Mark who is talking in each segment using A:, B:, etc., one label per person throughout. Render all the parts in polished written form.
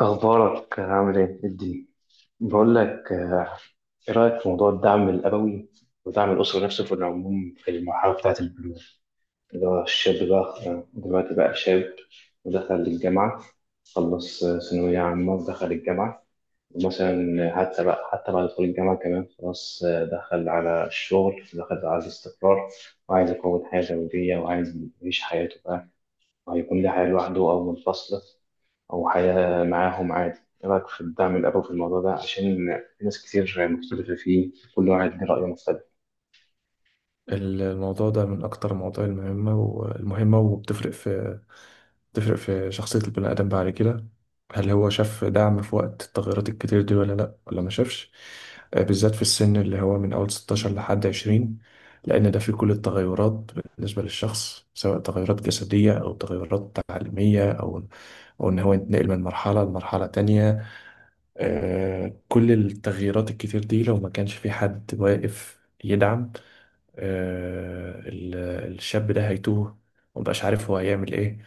A: أخبارك عامل إيه؟ الدين، بقول لك آه، إيه رأيك في موضوع الدعم الأبوي ودعم الأسرة نفسه في العموم في المرحلة بتاعة البلوغ؟ اللي هو الشاب بقى آه، دلوقتي بقى شاب ودخل الجامعة، خلص آه، ثانوية عامة ودخل الجامعة. ومثلا حتى بعد دخول الجامعة كمان خلاص آه، دخل على الشغل، دخل على الاستقرار، وعايز يكون حياة زوجية وعايز يعيش حياته بقى. هيكون ليه حياة لوحده أو منفصلة، أو حياة معاهم عادي؟ إيه رأيك في الدعم الأبوي في الموضوع ده؟ عشان في ناس كتير مختلفة فيه، كل واحد ليه رأي مختلف.
B: الموضوع ده من أكتر المواضيع المهمة وبتفرق في بتفرق في شخصية البني آدم بعد كده. هل هو شاف دعم في وقت التغيرات الكتير دي ولا لأ ولا ما شافش؟ بالذات في السن اللي هو من أول 16 لحد 20، لأن ده فيه كل التغيرات بالنسبة للشخص، سواء تغيرات جسدية أو تغيرات تعليمية أو أو إن هو ينتقل من مرحلة لمرحلة تانية. كل التغييرات الكتير دي لو ما كانش في حد واقف يدعم، آه، ال- الشاب ده هيتوه ومبقاش عارف هو هيعمل ايه.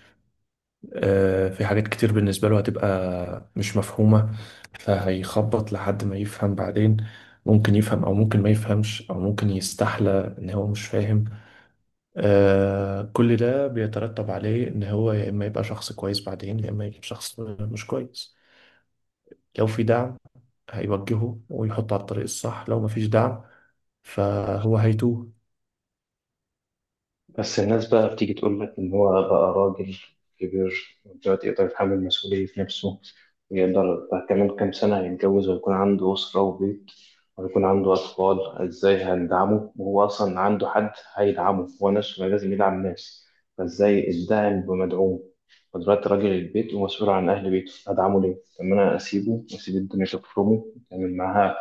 B: في حاجات كتير بالنسبة له هتبقى مش مفهومة، فهيخبط لحد ما يفهم بعدين. ممكن يفهم او ممكن ما يفهمش او ممكن يستحلى ان هو مش فاهم. كل ده بيترتب عليه ان هو يا اما يبقى شخص كويس بعدين يا اما يبقى شخص مش كويس. لو في دعم هيوجهه ويحطه على الطريق الصح، لو مفيش دعم فهو هيتوه.
A: بس الناس بقى بتيجي تقول لك إن هو بقى راجل كبير دلوقتي، يقدر يتحمل مسؤولية نفسه، ويقدر بقى كمان كام سنة يتجوز ويكون عنده أسرة وبيت ويكون عنده أطفال. إزاي هندعمه وهو أصلا عنده حد هيدعمه؟ هو نفسه ما لازم يدعم ناس، فإزاي الداعم بمدعوم؟ ودلوقتي راجل البيت ومسؤول عن أهل بيته، هدعمه ليه؟ طب ما أنا أسيبه وأسيب الدنيا تفرمه وتعمل معاها،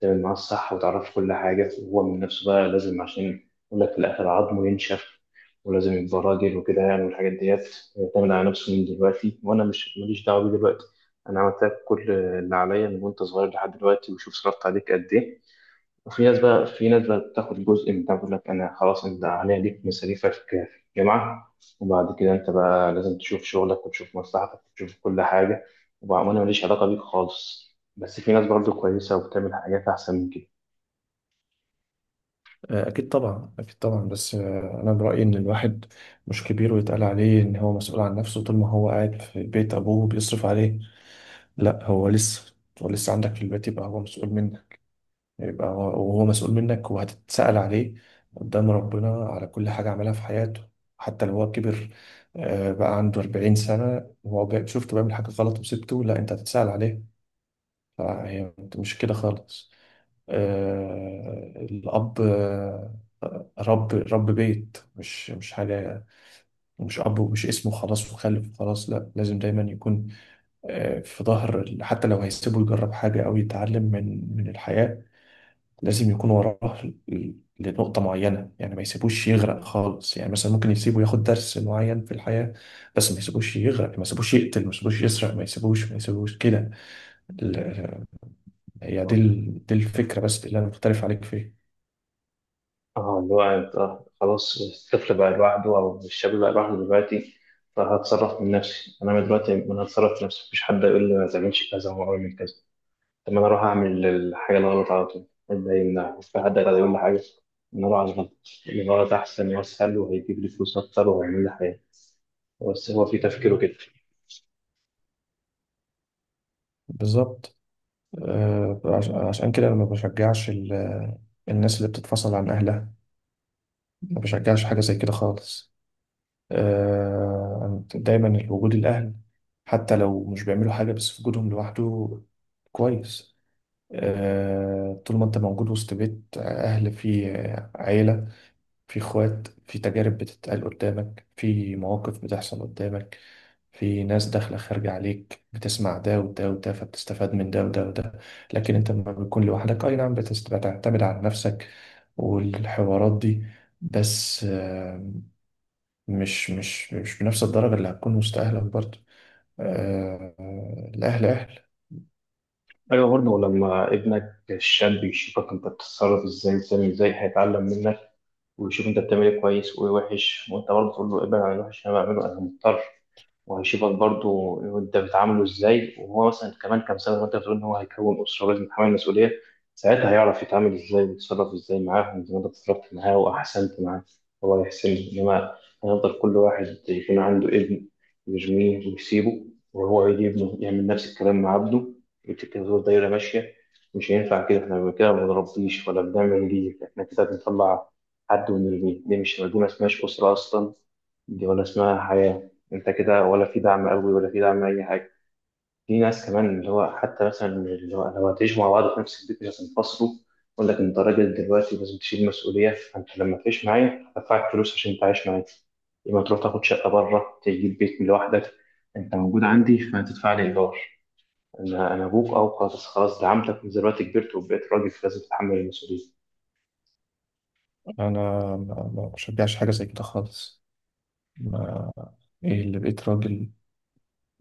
A: تعمل معاه الصح وتعرفه كل حاجة، وهو من نفسه بقى لازم، عشان يقول لك في الآخر عظمه ينشف ولازم يبقى راجل وكده يعني والحاجات ديت. يعتمد على نفسه من دلوقتي وأنا مش ماليش دعوة بيه دلوقتي. أنا عملت لك كل اللي عليا من وأنت صغير لحد دلوقتي، وشوف صرفت عليك قد إيه. وفي ناس بقى، بتاخد جزء من ده، بتقول لك انا خلاص، انت عليا ليك مصاريفك في الجامعه، وبعد كده انت بقى لازم تشوف شغلك وتشوف مصلحتك وتشوف كل حاجه، وبقى انا ماليش علاقه بيك خالص. بس في ناس برضه كويسه وبتعمل حاجات احسن من كده.
B: أكيد طبعا، أكيد طبعا، بس أنا برأيي إن الواحد مش كبير ويتقال عليه إن هو مسؤول عن نفسه طول ما هو قاعد في بيت أبوه بيصرف عليه. لأ، هو لسه هو لسه عندك في البيت، يبقى هو مسؤول منك. يبقى هو وهو مسؤول منك وهتتسأل عليه قدام ربنا على كل حاجة عملها في حياته. حتى لو هو كبر، بقى عنده 40 سنة وهو شفته بيعمل حاجة غلط وسبته، لأ أنت هتتسأل عليه. فهي مش كده خالص. الأب رب بيت، مش حاجة، مش أب ومش اسمه خلاص وخلف وخلاص. لا، لازم دايما يكون في ظهر حتى لو هيسيبه يجرب حاجة أو يتعلم من الحياة، لازم يكون وراه ل- لنقطة معينة. يعني ما يسيبوش يغرق خالص، يعني مثلا ممكن يسيبه ياخد درس معين في الحياة بس ما يسيبوش يغرق، ما يسيبوش يقتل، ما يسيبوش يسرق، ما يسيبوش ما يسيبوش كده. ال- دي الفكرة بس اللي أنا مختلف عليك فيها.
A: اه، اللي هو انت خلاص، الطفل بقى لوحده او الشاب بقى لوحده دلوقتي، فهتصرف من نفسي انا دلوقتي، انا هتصرف من نفسي مفيش حد يقول لي ما تعملش كذا وما اعمل كذا. طب ما انا اروح اعمل الحاجه الغلط على طول، ده يمنع مش في حد هيقدر يقول لي حاجه ان اروح على الغلط، لان الغلط احسن واسهل وهيجيب لي فلوس اكتر وهيعمل لي حاجه. بس هو في تفكيره كده.
B: بالظبط. عشان كده أنا ما بشجعش الناس اللي بتتفصل عن أهلها. ما بشجعش حاجة زي كده خالص. دايما وجود الأهل حتى لو مش بيعملوا حاجة، بس وجودهم لوحده كويس. طول ما أنت موجود وسط بيت أهل، فيه عيلة، فيه إخوات، فيه تجارب بتتقال قدامك، فيه مواقف بتحصل قدامك، في ناس داخلة خارجة عليك، بتسمع ده وده وده فبتستفاد من ده وده وده. لكن انت لما بتكون لوحدك اي نعم بتعتمد على نفسك والحوارات دي، بس مش بنفس الدرجة اللي هتكون وسط أهلك برضه. آه، الأهل أهل.
A: ايوه، برضه لما ابنك الشاب يشوفك انت بتتصرف ازاي وبتعمل ازاي هيتعلم منك، ويشوف انت بتعمل ايه كويس وايه وحش، وانت برضه تقول له ابعد عن الوحش اللي انا بعمله انا مضطر. وهيشوفك برضو انت بتعامله ازاي، وهو مثلا كمان كام سنه وانت بتقول ان هو هيكون اسره لازم يتحمل المسؤوليه، ساعتها هيعرف يتعامل ازاي ويتصرف ازاي معاهم. زي ما انت اتصرفت معاه واحسنت معاه، هو يحسن. انما هيفضل كل واحد يكون عنده ابن يرميه ويسيبه، وهو يجي ابنه يعمل نفس الكلام مع عبده، وتبقى دايره ماشيه. مش هينفع كده، احنا كده ما بنربيش ولا بنعمل ليه. احنا كده بنطلع حد ونرميه؟ دي ما اسمهاش اسره اصلا، دي ولا اسمها حياه. انت كده ولا في دعم قوي ولا في دعم اي حاجه. في ناس كمان اللي هو حتى مثلا اللي هو لو هتعيشوا مع بعض في نفس البيت مش هتنفصلوا، يقول لك انت راجل دلوقتي لازم تشيل مسؤوليه، فانت لما تعيش معايا هدفعك فلوس عشان تعيش معايا. يبقى تروح تاخد شقه بره تجيب بيت لوحدك. انت موجود عندي فهتدفع لي ايجار. انا ابوك، او خلاص خلاص دعمتك من دلوقتي كبرت وبقيت راجل فلازم تتحمل المسؤوليه.
B: أنا ما بشجعش حاجة زي كده خالص. ما إيه اللي بقيت راجل؟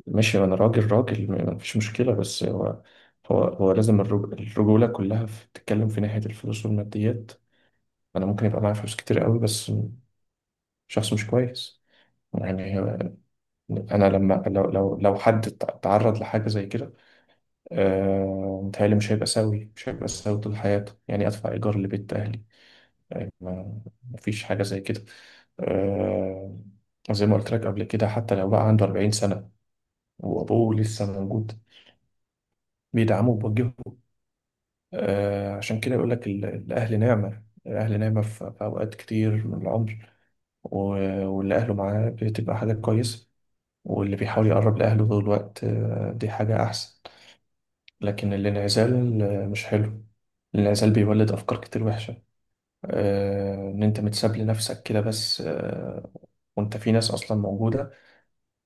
B: ماشي أنا راجل راجل، ما فيش مشكلة، بس هو هو لازم الرجولة كلها بتتكلم في ناحية الفلوس والماديات. انا ممكن يبقى معايا فلوس كتير قوي بس شخص مش كويس يعني. انا لما لو لو حد تعرض لحاجه زي كده، متهيألي مش هيبقى سوي، مش هيبقى سوي طول حياته. يعني ادفع ايجار لبيت اهلي؟ ما مفيش حاجه زي كده. آه، زي ما قلت لك قبل كده، حتى لو بقى عنده 40 سنه وابوه لسه موجود بيدعمه وبيوجهه. عشان كده يقول لك الاهل نعمه، الاهل نعمه في في اوقات كتير من العمر. واللي اهله معاه بتبقى حاجات كويسه، واللي بيحاول يقرب لأهله طول الوقت، دي حاجة أحسن. لكن الانعزال مش حلو. الانعزال بيولد أفكار كتير وحشة. إن أنت متساب لنفسك كده، بس وأنت في ناس أصلا موجودة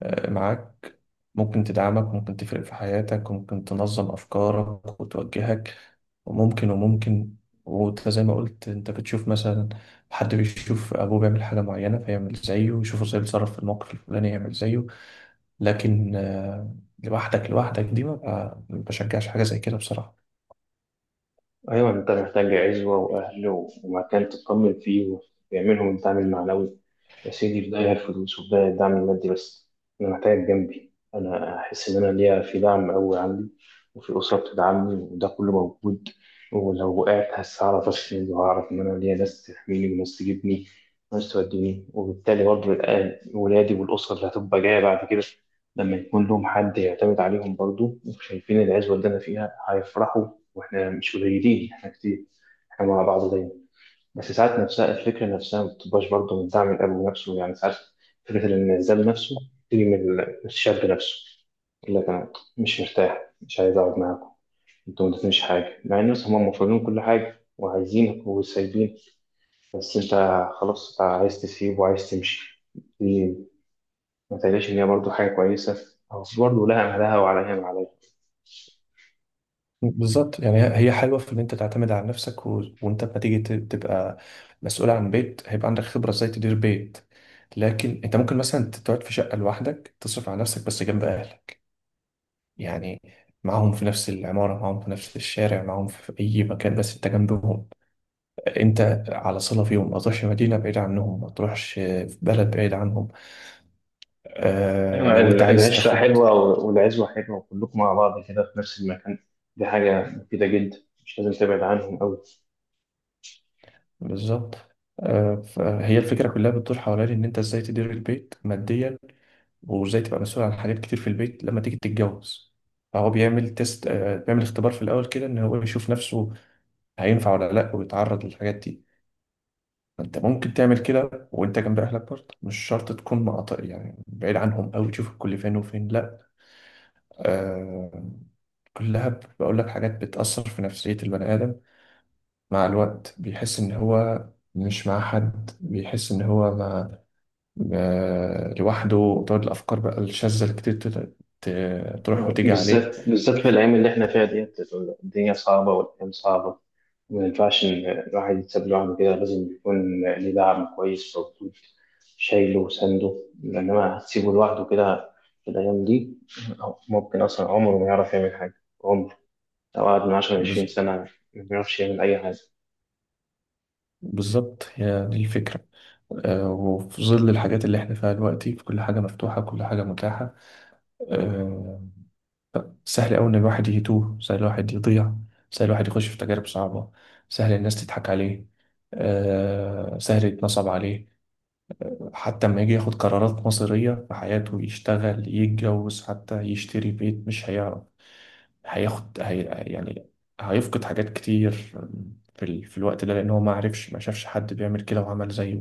B: معاك، ممكن تدعمك وممكن تفرق في حياتك وممكن تنظم أفكارك وتوجهك، وممكن وممكن. وانت زي ما قلت، انت بتشوف مثلا حد بيشوف ابوه بيعمل حاجه معينه فيعمل زيه، ويشوفه ازاي بيتصرف في الموقف الفلاني يعمل زيه. لكن لوحدك دي ما بشجعش حاجة زي كده بصراحة.
A: أيوة، أنت محتاج عزوة وأهل ومكان تطمن فيه ويعملهم الدعم المعنوي. يا سيدي، في داهية الفلوس وفي داهية الدعم المادي، بس أنا محتاج جنبي، أنا أحس إن أنا ليا في دعم قوي عندي وفي أسرة بتدعمني، وده كله موجود. ولو وقعت هعرف أسند، وهعرف إن أنا ليا ناس تحميني وناس تجيبني وناس توديني. وبالتالي برضه ولادي والأسرة اللي هتبقى جاية بعد كده لما يكون لهم حد يعتمد عليهم برضه وشايفين العزوة اللي أنا فيها هيفرحوا. واحنا مش قليلين، احنا كتير، احنا مع بعض دايما. بس ساعات نفسها الفكرة نفسها ما بتبقاش برضه من دعم الأب نفسه يعني. ساعات فكرة الانعزال نفسه تيجي من الشاب نفسه، يقول لك أنا مش مرتاح، مش عايز أقعد معاكم، أنتوا ما ادتنيش حاجة، مع إن مثلا هم مفروضين كل حاجة وعايزينك وسايبين، بس أنت خلاص أنت عايز تسيب وعايز تمشي. دي ما تقلقش، إن هي برضه حاجة كويسة، أو برضه لها أهلها وعليها ما عليها.
B: بالظبط. يعني هي حلوة في إن أنت تعتمد على نفسك و... وأنت لما تيجي تبقى مسؤول عن بيت، هيبقى عندك خبرة إزاي تدير بيت. لكن أنت ممكن مثلا تقعد في شقة لوحدك تصرف على نفسك بس جنب أهلك يعني، معاهم في نفس العمارة، معاهم في نفس الشارع، معاهم في أي مكان بس أنت جنبهم، أنت على صلة فيهم. ما تروحش مدينة بعيدة عنهم، ما تروحش في بلد بعيد عنهم. آه
A: أيوة،
B: لو أنت عايز
A: العشرة
B: تاخد.
A: حلوة والعزوة حلوة وكلكم مع بعض كده في نفس المكان، دي حاجة مفيدة جدا، مش لازم تبعد عنهم أوي.
B: بالظبط. فهي الفكرة كلها بتدور حوالين إن أنت إزاي تدير البيت ماديا، وإزاي تبقى مسؤول عن حاجات كتير في البيت لما تيجي تتجوز. فهو بيعمل تيست، بيعمل اختبار في الأول كده، إن هو يشوف نفسه هينفع ولا لأ ويتعرض للحاجات دي. فأنت ممكن تعمل كده وأنت جنب أهلك برضه، مش شرط تكون مقاطع يعني بعيد عنهم أوي، تشوف الكل فين وفين، لأ. آه، كلها بقول لك حاجات بتأثر في نفسية البني آدم. مع الوقت بيحس إن هو مش مع حد، بيحس إن هو مع لوحده، تقعد الأفكار بقى الشاذة اللي كتير تروح
A: أيوة،
B: وتيجي عليه.
A: بالذات في الأيام اللي إحنا فيها ديت، الدنيا صعبة والأيام صعبة، ما ينفعش إن الواحد يتساب لوحده كده، لازم يكون ليه دعم كويس موجود شايله وسنده. لأنما هتسيبه لوحده كده في الأيام دي، ممكن أصلا عمره ما يعرف يعمل حاجة. عمره لو قعد من 10 لعشرين
B: بز-
A: سنة ما بيعرفش يعمل أي حاجة.
B: بالظبط، هي دي الفكرة. وفي ظل الحاجات اللي احنا فيها دلوقتي، في كل حاجة مفتوحة كل حاجة متاحة، آه، سهل أوي إن الواحد يتوه، سهل الواحد يضيع، سهل الواحد يخش في تجارب صعبة، سهل الناس تضحك عليه، سهل يتنصب عليه. حتى لما يجي ياخد قرارات مصيرية في حياته، يشتغل، يتجوز، حتى يشتري بيت، مش هيعرف هياخد هي يعني هيفقد حاجات كتير في, في الوقت ده، لأن هو ما عرفش، ما شافش حد بيعمل كده وعمل زيه،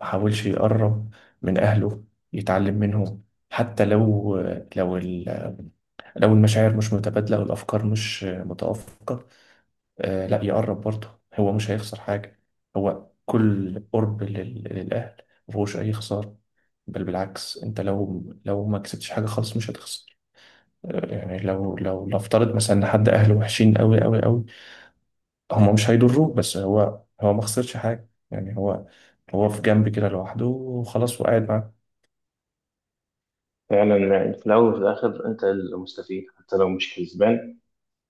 B: ما حاولش يقرب من أهله يتعلم منهم. حتى لو لو ال... لو المشاعر مش متبادلة والأفكار مش متوافقة، آه لا يقرب برضه، هو مش هيخسر حاجة. هو كل قرب للأهل مفهوش أي خسارة، بل بالعكس. أنت لو لو ما كسبتش حاجة خالص مش هتخسر. يعني لو نفترض مثلا ان حد اهله وحشين قوي قوي قوي، هم مش هيضروك، بس هو ما خسرش حاجه يعني، هو هو في جنب كده لوحده وخلاص وقاعد معاك.
A: فعلا، يعني في الأول وفي الآخر أنت المستفيد، حتى لو مش كسبان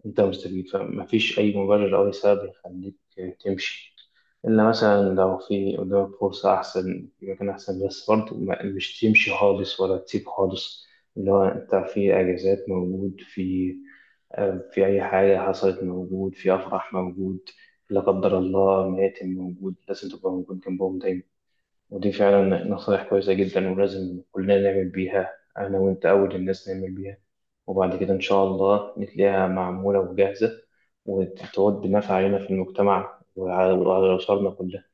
A: أنت مستفيد، فمفيش أي مبرر أو أي سبب يخليك تمشي، إلا مثلا لو في قدامك فرصة أحسن في مكان أحسن. بس برضه مش تمشي خالص ولا تسيب خالص. اللي هو أنت في أجازات موجود، في أي حاجة حصلت موجود، في أفراح موجود، لا قدر الله ميتم موجود. لازم تبقى موجود جنبهم دايما. ودي فعلا نصايح كويسة جدا ولازم كلنا نعمل بيها، أنا وأنت أول الناس نعمل بيها، وبعد كده إن شاء الله نتلاقيها معمولة وجاهزة وتعود بنفع علينا في المجتمع وعلى وعلى أسرنا كلها.